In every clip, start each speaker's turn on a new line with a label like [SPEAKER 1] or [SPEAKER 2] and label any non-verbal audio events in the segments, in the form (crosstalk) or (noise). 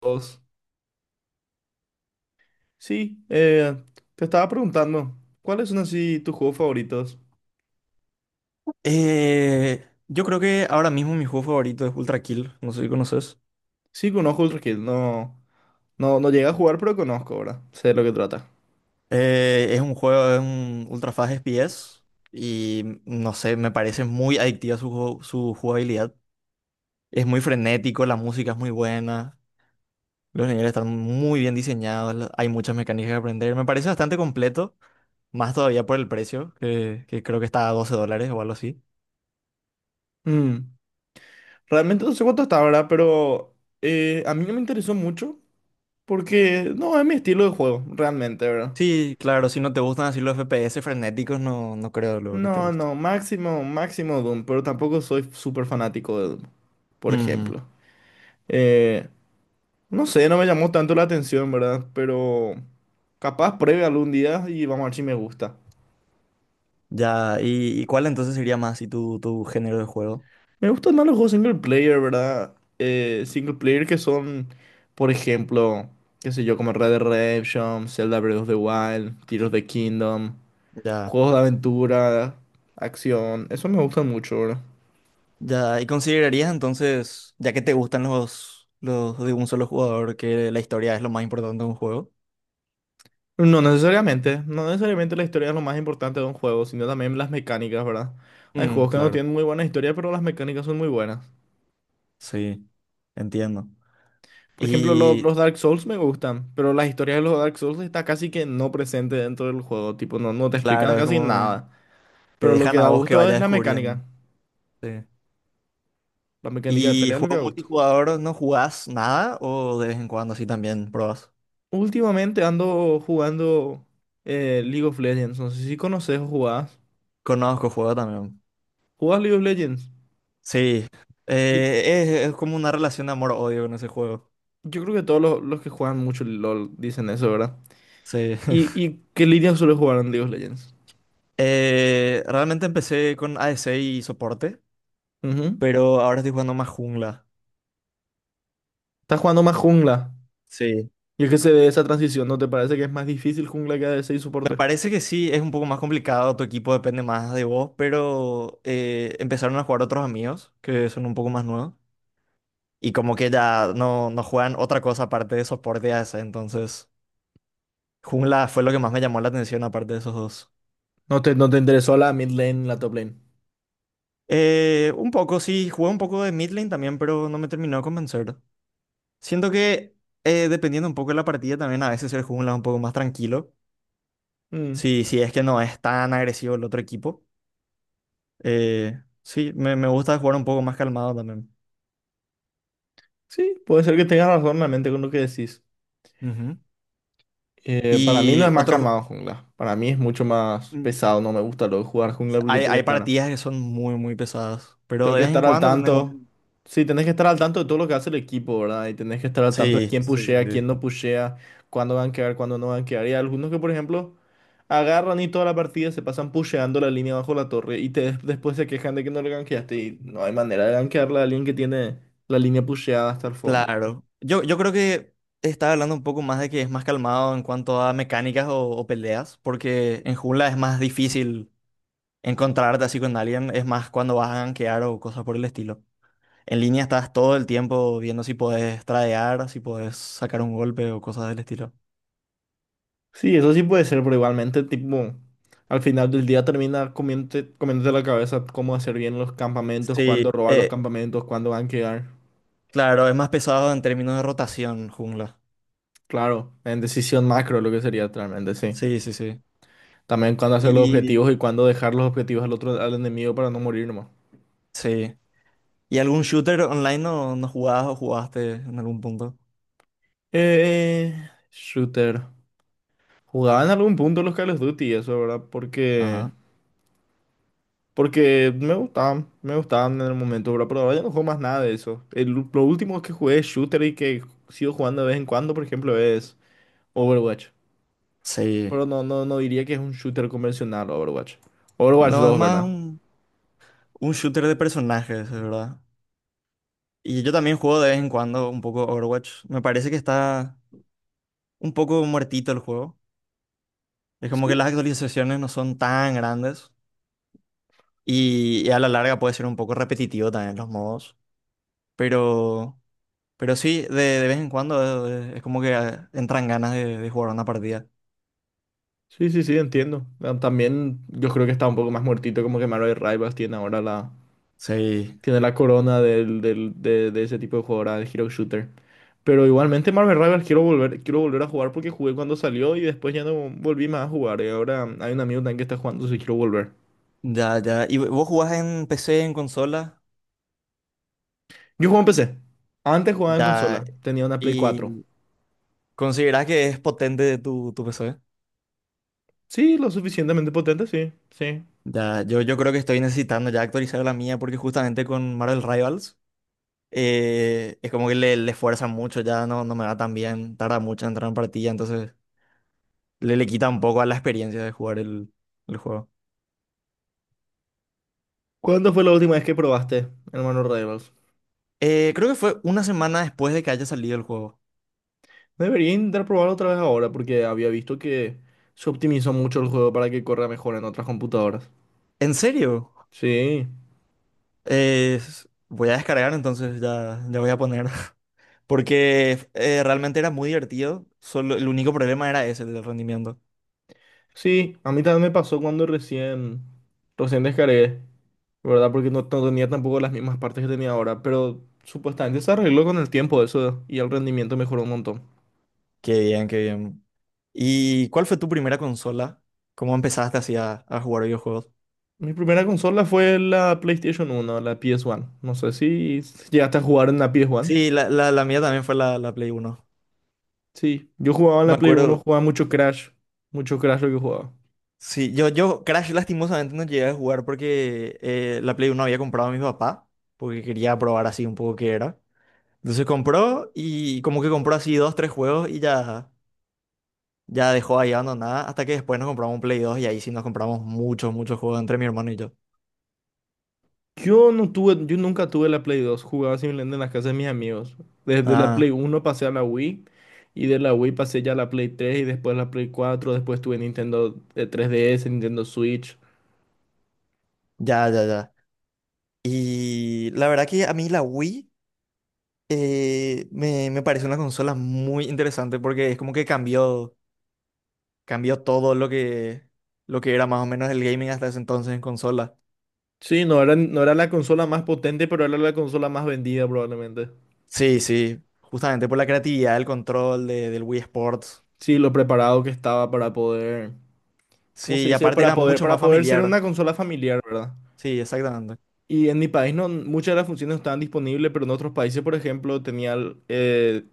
[SPEAKER 1] Dos. Sí, te estaba preguntando, ¿cuáles son así tus juegos favoritos?
[SPEAKER 2] Yo creo que ahora mismo mi juego favorito es Ultra Kill, no sé si conoces.
[SPEAKER 1] Sí, conozco Ultra Kill, no, no llegué a jugar, pero conozco, ¿verdad? Sé de lo que trata.
[SPEAKER 2] Es un juego, es un Ultra Fast FPS y no sé, me parece muy adictiva su jugabilidad. Es muy frenético, la música es muy buena, los niveles están muy bien diseñados, hay muchas mecánicas que aprender. Me parece bastante completo, más todavía por el precio, que creo que está a $12 o algo así.
[SPEAKER 1] Mm, realmente no sé cuánto está, ¿verdad? Pero a mí no me interesó mucho porque no es mi estilo de juego, realmente, ¿verdad?
[SPEAKER 2] Sí, claro, si no te gustan así los FPS frenéticos, no, no creo luego que te
[SPEAKER 1] No,
[SPEAKER 2] guste.
[SPEAKER 1] no, máximo, máximo Doom, pero tampoco soy súper fanático de Doom, por ejemplo. Eh, no sé, no me llamó tanto la atención, ¿verdad? Pero capaz pruebe algún día y vamos a ver si me gusta.
[SPEAKER 2] Ya, ¿y cuál entonces sería más y tu género de juego?
[SPEAKER 1] Me gustan más los juegos single player, ¿verdad? Single player que son, por ejemplo, qué sé yo, como Red Dead Redemption, Zelda Breath of the Wild, Tears of the Kingdom,
[SPEAKER 2] Ya,
[SPEAKER 1] juegos de aventura, acción. Eso me gustan mucho, ¿verdad?
[SPEAKER 2] ya, ¿y considerarías entonces, ya que te gustan los de un solo jugador, que la historia es lo más importante de un juego?
[SPEAKER 1] No necesariamente, no necesariamente la historia es lo más importante de un juego, sino también las mecánicas, ¿verdad? Hay
[SPEAKER 2] Mm,
[SPEAKER 1] juegos que no
[SPEAKER 2] claro.
[SPEAKER 1] tienen muy buena historia, pero las mecánicas son muy buenas.
[SPEAKER 2] Sí, entiendo.
[SPEAKER 1] Por ejemplo, lo-
[SPEAKER 2] Y
[SPEAKER 1] los Dark Souls me gustan, pero la historia de los Dark Souls está casi que no presente dentro del juego, tipo, no te explican
[SPEAKER 2] claro, es
[SPEAKER 1] casi
[SPEAKER 2] como que
[SPEAKER 1] nada.
[SPEAKER 2] te
[SPEAKER 1] Pero lo que
[SPEAKER 2] dejan a
[SPEAKER 1] da
[SPEAKER 2] vos que
[SPEAKER 1] gusto es
[SPEAKER 2] vayas
[SPEAKER 1] la
[SPEAKER 2] descubriendo.
[SPEAKER 1] mecánica.
[SPEAKER 2] Sí.
[SPEAKER 1] La mecánica de
[SPEAKER 2] ¿Y
[SPEAKER 1] pelea es lo que
[SPEAKER 2] juego
[SPEAKER 1] da gusto.
[SPEAKER 2] multijugador no jugás nada o de vez en cuando sí también probás?
[SPEAKER 1] Últimamente ando jugando League of Legends. No sé si conoces o jugás.
[SPEAKER 2] Conozco juego también.
[SPEAKER 1] ¿Jugás League of Legends?
[SPEAKER 2] Sí,
[SPEAKER 1] Y
[SPEAKER 2] es como una relación de amor-odio con ese juego.
[SPEAKER 1] yo creo que todos los que juegan mucho LOL dicen eso, ¿verdad?
[SPEAKER 2] Sí. (laughs)
[SPEAKER 1] ¿Y qué línea suele jugar en League of Legends?
[SPEAKER 2] Realmente empecé con ADC y soporte,
[SPEAKER 1] Ujú.
[SPEAKER 2] pero ahora estoy jugando más jungla.
[SPEAKER 1] Estás jugando más jungla.
[SPEAKER 2] Sí.
[SPEAKER 1] Y es que se ve esa transición. ¿No te parece que es más difícil jungla que ADC y
[SPEAKER 2] Me
[SPEAKER 1] soporte?
[SPEAKER 2] parece que sí, es un poco más complicado, tu equipo depende más de vos, pero empezaron a jugar otros amigos que son un poco más nuevos y como que ya no, no juegan otra cosa aparte de soporte y ADC, entonces jungla fue lo que más me llamó la atención aparte de esos dos.
[SPEAKER 1] ¿No te interesó la mid lane, la top lane?
[SPEAKER 2] Un poco, sí, jugué un poco de mid lane también, pero no me terminó de convencer. Siento que dependiendo un poco de la partida también a veces el jungla es un poco más tranquilo.
[SPEAKER 1] Mm,
[SPEAKER 2] Sí, sí, es que no es tan agresivo el otro equipo. Sí, me gusta jugar un poco más calmado también.
[SPEAKER 1] sí, puede ser que tengas razón realmente con lo que decís.
[SPEAKER 2] Ujú.
[SPEAKER 1] Para mí no
[SPEAKER 2] Y
[SPEAKER 1] es más
[SPEAKER 2] otros,
[SPEAKER 1] calmado jungla. Para mí es mucho más
[SPEAKER 2] mm,
[SPEAKER 1] pesado. No me gusta lo de jugar jungla porque
[SPEAKER 2] hay, hay partidas que son muy, muy pesadas, pero
[SPEAKER 1] tengo
[SPEAKER 2] de
[SPEAKER 1] que
[SPEAKER 2] vez en
[SPEAKER 1] estar al
[SPEAKER 2] cuando tenés
[SPEAKER 1] tanto.
[SPEAKER 2] un...
[SPEAKER 1] Sí, tenés que estar al tanto de todo lo que hace el equipo, ¿verdad? Y tenés que estar al tanto de
[SPEAKER 2] Sí,
[SPEAKER 1] quién
[SPEAKER 2] sí, sí,
[SPEAKER 1] pushea,
[SPEAKER 2] sí.
[SPEAKER 1] quién no pushea, cuándo van a quedar, cuándo no van a quedar. Y hay algunos que, por ejemplo, agarran y toda la partida se pasan pusheando la línea bajo la torre y te, después se quejan de que no le gankeaste. Y no hay manera de gankearla a alguien que tiene la línea pusheada hasta el fondo.
[SPEAKER 2] Claro. Yo creo que estaba hablando un poco más de que es más calmado en cuanto a mecánicas o peleas, porque en jungla es más difícil encontrarte así con alguien, es más cuando vas a gankear o cosas por el estilo. En línea estás todo el tiempo viendo si podés tradear, si podés sacar un golpe o cosas del estilo.
[SPEAKER 1] Sí, eso sí puede ser, pero igualmente, tipo, al final del día termina comiéndote, comiéndote la cabeza cómo hacer bien los campamentos,
[SPEAKER 2] Sí,
[SPEAKER 1] cuándo robar los campamentos, cuándo van a quedar.
[SPEAKER 2] claro, es más pesado en términos de rotación, jungla.
[SPEAKER 1] Claro, en decisión macro lo que sería realmente, sí.
[SPEAKER 2] Sí, sí, sí.
[SPEAKER 1] También cuándo hacer los
[SPEAKER 2] Y
[SPEAKER 1] objetivos y cuándo dejar los objetivos al otro, al enemigo para no morir nomás.
[SPEAKER 2] sí. ¿Y algún shooter online no, no jugabas o jugaste en algún punto?
[SPEAKER 1] Eh, Shooter. Jugaban en algún punto los Call of Duty, eso, ¿verdad?
[SPEAKER 2] Ajá.
[SPEAKER 1] Porque me gustaban en el momento, bro, pero ahora ya no juego más nada de eso. El, lo último que jugué shooter y que sigo jugando de vez en cuando, por ejemplo, es Overwatch.
[SPEAKER 2] Sí.
[SPEAKER 1] Pero no, no diría que es un shooter convencional Overwatch. Overwatch
[SPEAKER 2] No, es
[SPEAKER 1] dos,
[SPEAKER 2] más
[SPEAKER 1] ¿verdad?
[SPEAKER 2] un shooter de personajes, es verdad. Y yo también juego de vez en cuando un poco Overwatch. Me parece que está un poco muertito el juego. Es como que
[SPEAKER 1] Sí,
[SPEAKER 2] las actualizaciones no son tan grandes. Y a la larga puede ser un poco repetitivo también los modos. Pero, pero sí, de vez en cuando es, como que entran ganas de jugar una partida.
[SPEAKER 1] sí, sí, sí, entiendo. Ah, también yo creo que está un poco más muertito, como que Marvel Rivals tiene ahora la,
[SPEAKER 2] Sí,
[SPEAKER 1] tiene la corona de ese tipo de jugadora de Hero Shooter. Pero igualmente Marvel Rivals quiero volver a jugar porque jugué cuando salió y después ya no volví más a jugar. Y ahora hay un amigo también que está jugando, si quiero volver.
[SPEAKER 2] ya, ya. ¿Y vos jugás en PC, en consola?
[SPEAKER 1] Yo juego en PC. Antes jugaba en
[SPEAKER 2] Ya.
[SPEAKER 1] consola. Tenía una Play cuatro.
[SPEAKER 2] ¿Y considerás que es potente tu PC?
[SPEAKER 1] Sí, lo suficientemente potente, sí, sí.
[SPEAKER 2] Ya, yo creo que estoy necesitando ya actualizar la mía porque justamente con Marvel Rivals es como que le fuerzan mucho, ya no, no me va tan bien, tarda mucho en entrar en partida, entonces le quita un poco a la experiencia de jugar el juego.
[SPEAKER 1] ¿Cuándo fue la última vez que probaste el Marvel Rivals?
[SPEAKER 2] Creo que fue una semana después de que haya salido el juego.
[SPEAKER 1] Debería intentar probarlo otra vez ahora porque había visto que se optimizó mucho el juego para que corra mejor en otras computadoras.
[SPEAKER 2] ¿En serio?
[SPEAKER 1] Sí,
[SPEAKER 2] Eh, voy a descargar entonces, ya, ya voy a poner. (laughs) Porque realmente era muy divertido, solo el único problema era ese, el del rendimiento.
[SPEAKER 1] sí, a mí también me pasó cuando recién, recién descargué. ¿Verdad? Porque no, no tenía tampoco las mismas partes que tenía ahora, pero supuestamente se arregló con el tiempo eso y el rendimiento mejoró un montón.
[SPEAKER 2] Qué bien, qué bien. ¿Y cuál fue tu primera consola? ¿Cómo empezaste así a jugar videojuegos?
[SPEAKER 1] Mi primera consola fue la PlayStation uno, la PS1. No sé si llegaste a jugar en la PS1.
[SPEAKER 2] Sí, la mía también fue la Play 1.
[SPEAKER 1] Sí, yo jugaba en
[SPEAKER 2] Me
[SPEAKER 1] la Play uno,
[SPEAKER 2] acuerdo.
[SPEAKER 1] jugaba mucho Crash lo que jugaba.
[SPEAKER 2] Sí, yo Crash lastimosamente no llegué a jugar porque la Play 1 había comprado a mi papá, porque quería probar así un poco qué era. Entonces compró y como que compró así dos, tres juegos y ya, ya dejó ahí abandonada hasta que después nos compramos un Play 2 y ahí sí nos compramos muchos, muchos juegos entre mi hermano y yo.
[SPEAKER 1] Yo no tuve, yo nunca tuve la Play dos, jugaba simplemente en las casas de mis amigos. Desde la
[SPEAKER 2] Ah,
[SPEAKER 1] Play uno pasé a la Wii y de la Wii pasé ya a la Play tres y después a la Play cuatro, después tuve Nintendo 3DS, Nintendo Switch.
[SPEAKER 2] ya, ya, ya. Y la verdad que a mí la Wii me parece una consola muy interesante porque es como que cambió, cambió todo lo que era más o menos el gaming hasta ese entonces en consola.
[SPEAKER 1] Sí, no era, no era la consola más potente, pero era la consola más vendida probablemente.
[SPEAKER 2] Sí, sí, justamente por la creatividad, el del Wii Sports.
[SPEAKER 1] Sí, lo preparado que estaba para poder, ¿cómo
[SPEAKER 2] Sí,
[SPEAKER 1] se
[SPEAKER 2] y
[SPEAKER 1] dice?
[SPEAKER 2] aparte era mucho
[SPEAKER 1] Para
[SPEAKER 2] más
[SPEAKER 1] poder ser una
[SPEAKER 2] familiar.
[SPEAKER 1] consola familiar, ¿verdad?
[SPEAKER 2] Sí, exactamente.
[SPEAKER 1] Y en mi país no, muchas de las funciones no estaban disponibles, pero en otros países, por ejemplo, tenía,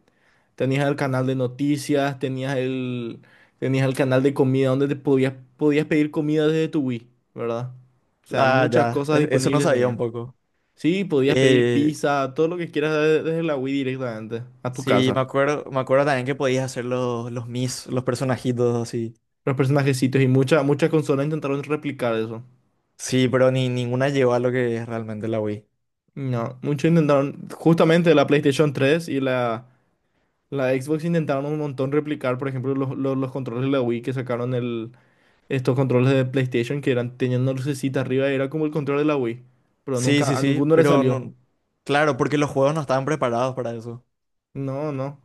[SPEAKER 1] tenías el canal de noticias, tenías el canal de comida donde te podías, podías pedir comida desde tu Wii, ¿verdad? O sea,
[SPEAKER 2] Ah,
[SPEAKER 1] muchas
[SPEAKER 2] ya,
[SPEAKER 1] cosas
[SPEAKER 2] eso no
[SPEAKER 1] disponibles
[SPEAKER 2] sabía un
[SPEAKER 1] tenía.
[SPEAKER 2] poco.
[SPEAKER 1] Sí, podías pedir
[SPEAKER 2] Eh,
[SPEAKER 1] pizza, todo lo que quieras desde la Wii directamente a tu
[SPEAKER 2] sí,
[SPEAKER 1] casa.
[SPEAKER 2] me acuerdo también que podías hacer los Mis, los personajitos así.
[SPEAKER 1] Los personajecitos y muchas muchas consolas intentaron replicar eso.
[SPEAKER 2] Sí, pero ni ninguna llegó a lo que es realmente la Wii.
[SPEAKER 1] No, muchos intentaron, justamente la PlayStation 3 y la, la Xbox intentaron un montón replicar, por ejemplo, los controles de la Wii que sacaron el, estos controles de PlayStation que eran, tenían una lucecita arriba, era como el control de la Wii, pero
[SPEAKER 2] Sí,
[SPEAKER 1] nunca,
[SPEAKER 2] sí,
[SPEAKER 1] a
[SPEAKER 2] sí,
[SPEAKER 1] ninguno le
[SPEAKER 2] pero
[SPEAKER 1] salió.
[SPEAKER 2] no, claro, porque los juegos no estaban preparados para eso.
[SPEAKER 1] No, no.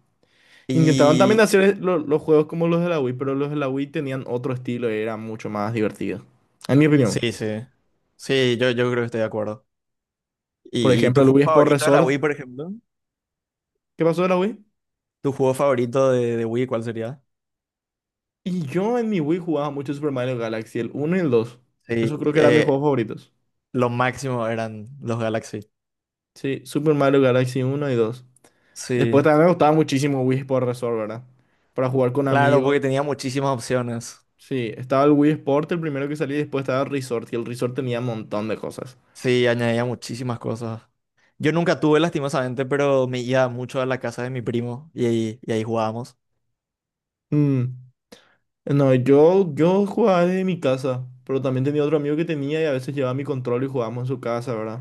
[SPEAKER 1] Intentaron también
[SPEAKER 2] Y
[SPEAKER 1] hacer e, los juegos como los de la Wii, pero los de la Wii tenían otro estilo y era mucho más divertido, en mi opinión.
[SPEAKER 2] sí, sí, sí, yo creo que estoy de acuerdo.
[SPEAKER 1] Por
[SPEAKER 2] ¿Y tu
[SPEAKER 1] ejemplo, el
[SPEAKER 2] juego
[SPEAKER 1] Wii Sport
[SPEAKER 2] favorito de la Wii,
[SPEAKER 1] Resort,
[SPEAKER 2] por ejemplo?
[SPEAKER 1] ¿qué pasó de la Wii?
[SPEAKER 2] ¿Tu juego favorito de Wii cuál sería?
[SPEAKER 1] Y yo en mi Wii jugaba mucho Super Mario Galaxy, el uno y el dos.
[SPEAKER 2] Sí,
[SPEAKER 1] Eso creo que eran mis juegos favoritos.
[SPEAKER 2] lo máximo eran los Galaxy.
[SPEAKER 1] Sí, Super Mario Galaxy uno y dos. Después
[SPEAKER 2] Sí,
[SPEAKER 1] también me gustaba muchísimo Wii Sport Resort, ¿verdad? Para jugar con
[SPEAKER 2] claro,
[SPEAKER 1] amigos.
[SPEAKER 2] porque tenía muchísimas opciones.
[SPEAKER 1] Sí, estaba el Wii Sport, el primero que salí, después estaba el Resort, y el Resort tenía un montón de cosas.
[SPEAKER 2] Sí, añadía muchísimas cosas. Yo nunca tuve, lastimosamente, pero me iba mucho a la casa de mi primo y ahí jugábamos.
[SPEAKER 1] Mm, no, yo jugaba desde mi casa, pero también tenía otro amigo que tenía y a veces llevaba mi control y jugábamos en su casa, ¿verdad?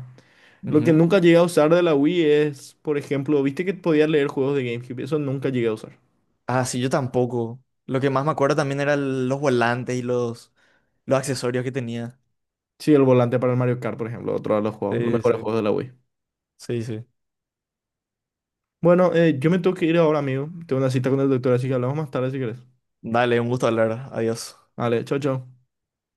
[SPEAKER 1] Lo que
[SPEAKER 2] Ujú.
[SPEAKER 1] nunca llegué a usar de la Wii es, por ejemplo, viste que podía leer juegos de GameCube, eso nunca llegué a usar.
[SPEAKER 2] Ah, sí, yo tampoco. Lo que más me acuerdo también eran los volantes y los accesorios que tenía.
[SPEAKER 1] Sí, el volante para el Mario Kart, por ejemplo, otro de los juegos, los
[SPEAKER 2] Sí,
[SPEAKER 1] mejores
[SPEAKER 2] sí.
[SPEAKER 1] juegos de la Wii.
[SPEAKER 2] Sí, sí.
[SPEAKER 1] Bueno, yo me tengo que ir ahora, amigo. Tengo una cita con el doctor, así que hablamos más tarde si querés.
[SPEAKER 2] Dale, un gusto hablar. Adiós.
[SPEAKER 1] Vale, chao, chao.